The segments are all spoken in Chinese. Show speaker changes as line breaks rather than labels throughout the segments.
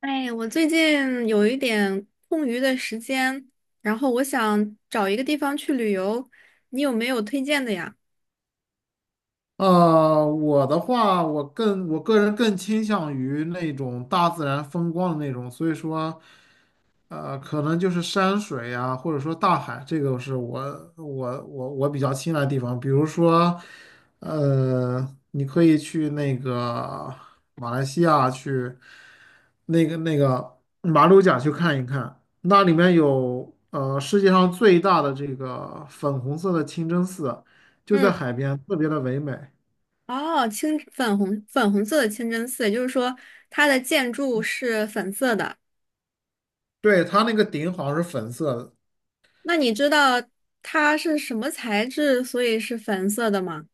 哎，我最近有一点空余的时间，然后我想找一个地方去旅游，你有没有推荐的呀？
我的话，我个人更倾向于那种大自然风光的那种，所以说，可能就是山水呀，或者说大海，这个是我比较青睐的地方。比如说，呃，你可以去那个马来西亚去那个马六甲去看一看，那里面有世界上最大的这个粉红色的清真寺，就在
嗯，
海边，特别的唯美。
哦，清粉红粉红色的清真寺，也就是说它的建筑是粉色的。
对，它那个顶好像是粉色的，
那你知道它是什么材质，所以是粉色的吗？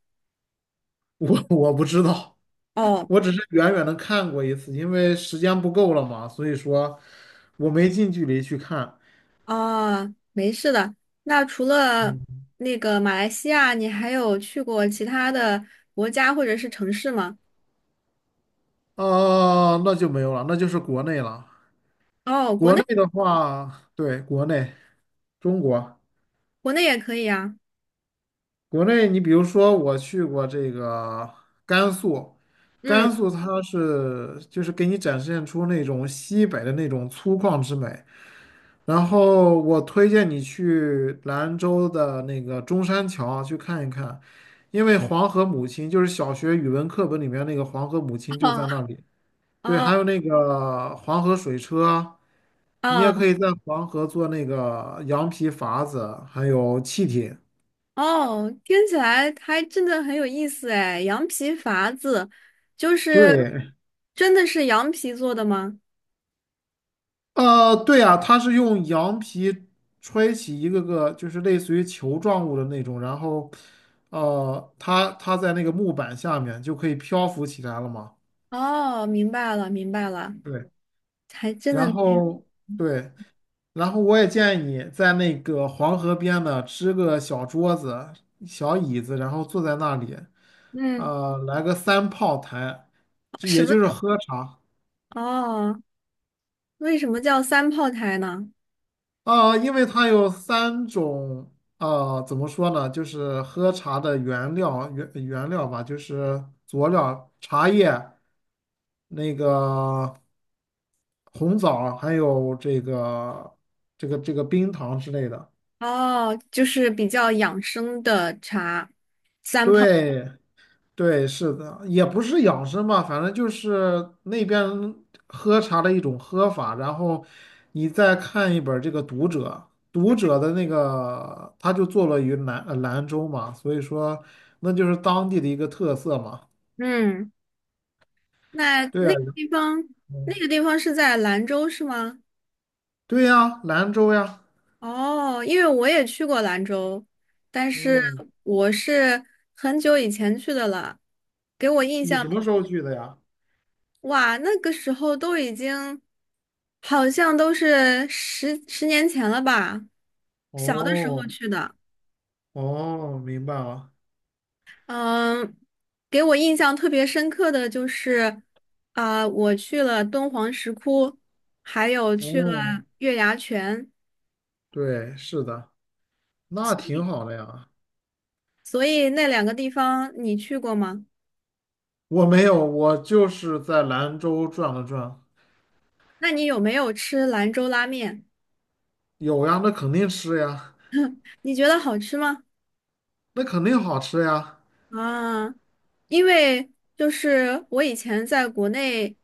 我不知道，
哦，
我只是远远的看过一次，因为时间不够了嘛，所以说我没近距离去看。
哦，没事的。那除了
嗯，
那个马来西亚，你还有去过其他的国家或者是城市吗？
啊，那就没有了，那就是国内了。
哦，国
国
内
内的话，对，国内，中国，
国内也可以啊。
国内，你比如说我去过这个甘肃，
嗯，
甘肃它是就是给你展现出那种西北的那种粗犷之美。然后我推荐你去兰州的那个中山桥去看一看，因为黄河母亲就是小学语文课本里面那个黄河母亲 就在那里。
哦
对，还
哦
有那个黄河水车，你也
哦
可以在黄河做那个羊皮筏子，还有气艇。
哦，听起来还真的很有意思哎。羊皮筏子，就是
对，
真的是羊皮做的吗？
对啊，它是用羊皮吹起一个个就是类似于球状物的那种，然后，它在那个木板下面就可以漂浮起来了嘛。
哦，明白了，明白了，
对，
还真的
然
没有，
后对，然后我也建议你在那个黄河边呢支个小桌子、小椅子，然后坐在那里，
嗯，
来个三炮台，就
什
也
么？
就是喝茶
哦，为什么叫三炮台呢？
啊，因为它有三种，怎么说呢，就是喝茶的原料吧，就是佐料、茶叶、那个红枣，还有这个冰糖之类的。
哦，就是比较养生的茶，三炮。
对对，是的，也不是养生吧，反正就是那边喝茶的一种喝法。然后你再看一本这个《读者》，《读者》的那个他就坐落于兰州嘛，所以说那就是当地的一个特色嘛。
嗯，那
对
那
呀，
个地方，那
嗯
个地方是在兰州是吗？
对呀，兰州呀，
哦，因为我也去过兰州，但是
嗯，
我是很久以前去的了，给我印
你
象，
什么时候去的呀？
哇，那个时候都已经好像都是十年前了吧，小的时
哦
候去的。
哦，明白了，
嗯，给我印象特别深刻的就是，啊、我去了敦煌石窟，还有去了
哦，
月牙泉，
对，是的，那挺好的呀。
所以那两个地方你去过吗？
我没有，我就是在兰州转了转，
那你有没有吃兰州拉面？
有呀，那肯定吃呀，
你觉得好吃吗？
那肯定好吃呀，
啊，因为就是我以前在国内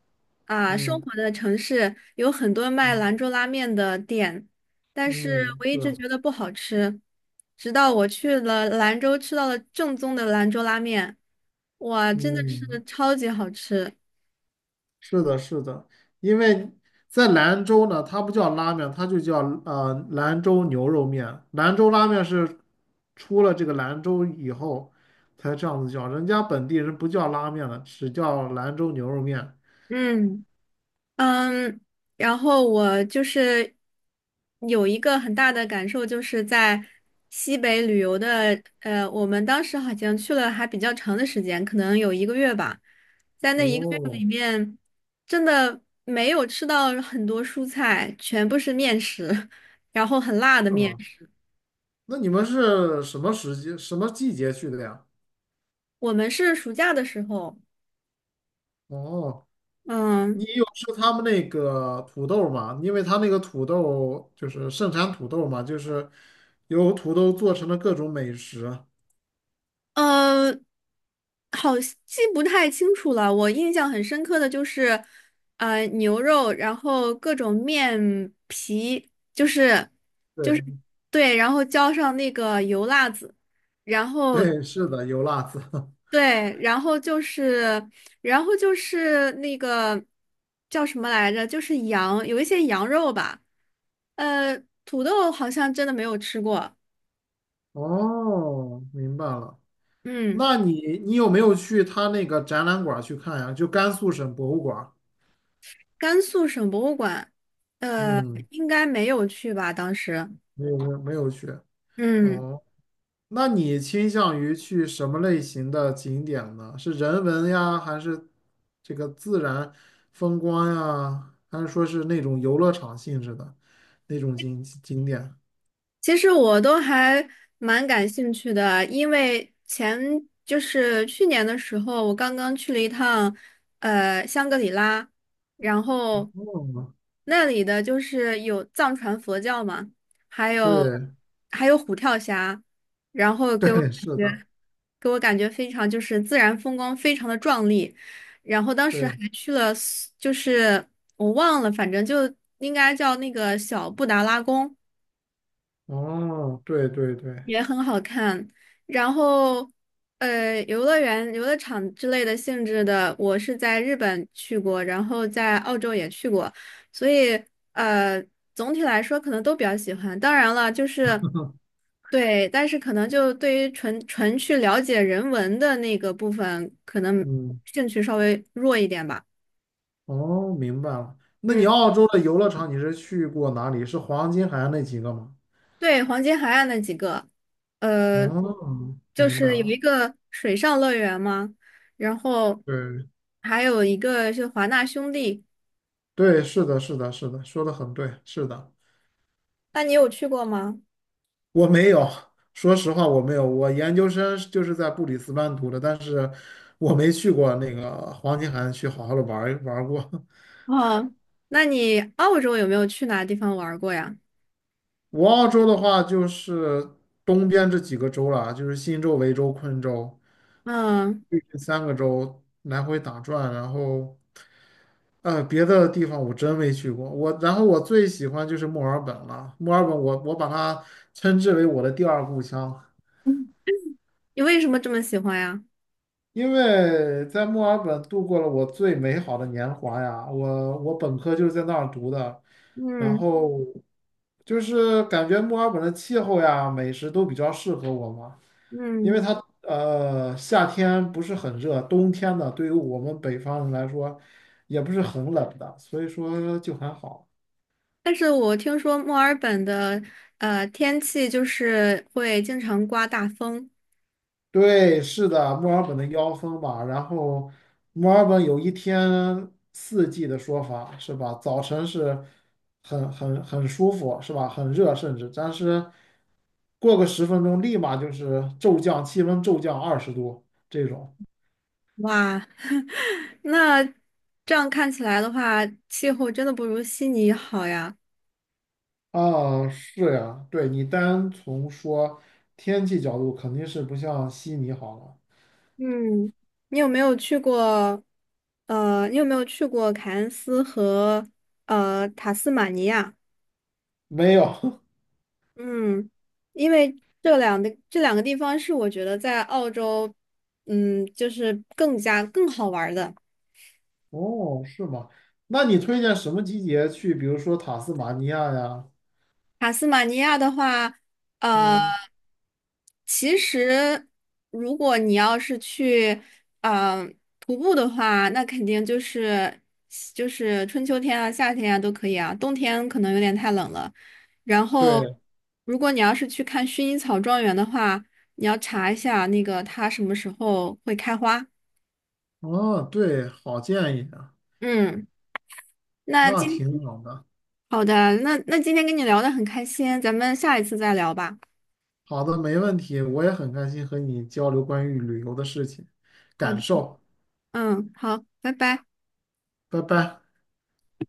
啊生
嗯
活的城市有很多卖
嗯
兰州拉面的店，但是
嗯，
我一
是
直
啊，
觉得不好吃，直到我去了兰州吃到了正宗的兰州拉面，哇，真的是
嗯，
超级好吃。
是的，是的，因为在兰州呢，它不叫拉面，它就叫兰州牛肉面，兰州拉面是出了这个兰州以后才这样子叫，人家本地人不叫拉面了，只叫兰州牛肉面。
嗯。嗯，然后我就是有一个很大的感受，就是在西北旅游的，我们当时好像去了还比较长的时间，可能有一个月吧，在那一个月
哦，
真的没有吃到很多蔬菜，全部是面食，然后很辣的
是
面
吗？
食。
那你们是什么时节、什么季节去的呀？
我们是暑假的时候。
哦，
嗯，
你有吃他们那个土豆吗？因为他那个土豆就是盛产土豆嘛，就是有土豆做成的各种美食。
呃，好，记不太清楚了。我印象很深刻的就是，牛肉，然后各种面皮，就是
对
对，然后浇上那个油辣子，然 后
对，是的，油辣子。
对，然后就是，然后就是那个叫什么来着？就是羊，有一些羊肉吧。呃，土豆好像真的没有吃过。
哦，明白了。
嗯。
那你有没有去他那个展览馆去看呀？就甘肃省博物馆
甘肃省博物馆，呃，
嗯，
应该没有去吧？当时，
没有没有没有去。
嗯，
哦，那你倾向于去什么类型的景点呢？是人文呀，还是这个自然风光呀，还是说是那种游乐场性质的那种景点？
其实我都还蛮感兴趣的，因为前就是去年的时候，我刚刚去了一趟，香格里拉，然后
嗯，
那里的就是有藏传佛教嘛，还有
对
还有虎跳峡，然后给我
对，
感
是
觉。
的，
给我感觉非常就是自然风光非常的壮丽，然后当时还
对，
去了苏就是我忘了，反正就应该叫那个小布达拉宫，
哦，对对对，
也很好看。然后，游乐园、游乐场之类的性质的，我是在日本去过，然后在澳洲也去过，所以呃，总体来说可能都比较喜欢。当然了，就是对，但是可能就对于纯纯去了解人文的那个部分，可能
嗯，
兴趣稍微弱一点吧。
哦，明白了。那
嗯。
你澳洲的游乐场你是去过哪里？是黄金海岸那几个吗？
对，黄金海岸那几个，呃，
哦，
就
明白
是有
了。
一个水上乐园嘛，然后
对
还有一个是华纳兄弟，
对，是的，是的，是的，说的很对，是的。
那你有去过吗？
我没有，说实话我没有。我研究生就是在布里斯班读的，但是我没去过那个黄金海岸去好好的玩儿玩儿过。
哦，那你澳洲有没有去哪地方玩儿过呀？
我澳洲的话就是东边这几个州了，就是新州、维州、昆州，
嗯
这三个州来回打转。然后别的地方我真没去过。然后我最喜欢就是墨尔本了，墨尔本我把它称之为我的第二故乡。
嗯你为什么这么喜欢呀？
因为在墨尔本度过了我最美好的年华呀，我本科就是在那儿读的，然
嗯
后就是感觉墨尔本的气候呀、美食都比较适合我嘛，因为
嗯，
它夏天不是很热，冬天呢对于我们北方人来说也不是很冷的，所以说就还好。
但是我听说墨尔本的天气就是会经常刮大风，
对，是的，墨尔本的妖风吧。然后，墨尔本有一天四季的说法是吧？早晨是很舒服是吧？很热，甚至但是过个10分钟，立马就是骤降，气温骤降20度这种。
哇，那这样看起来的话，气候真的不如悉尼好呀。
啊，是呀，对你单从说天气角度，肯定是不像悉尼好了。
嗯，你有没有去过？你有没有去过凯恩斯和塔斯马尼亚？
没有，
嗯，因为这两个地方是我觉得在澳洲，嗯，就是更加更好玩儿的。
哦，是吗？那你推荐什么季节去？比如说塔斯马尼亚呀？
塔斯马尼亚的话，呃，
嗯。
其实如果你要是去，呃，徒步的话，那肯定就是就是春秋天啊、夏天啊都可以啊，冬天可能有点太冷了。然后，
对，
如果你要是去看薰衣草庄园的话，你要查一下那个它什么时候会开花。
哦，对，好建议啊，
嗯，那
那
今天
挺好的。
好的，那那今天跟你聊的很开心，咱们下一次再聊吧。
好的，没问题，我也很开心和你交流关于旅游的事情，
好
感
的，
受。
嗯，好，拜拜。
拜拜。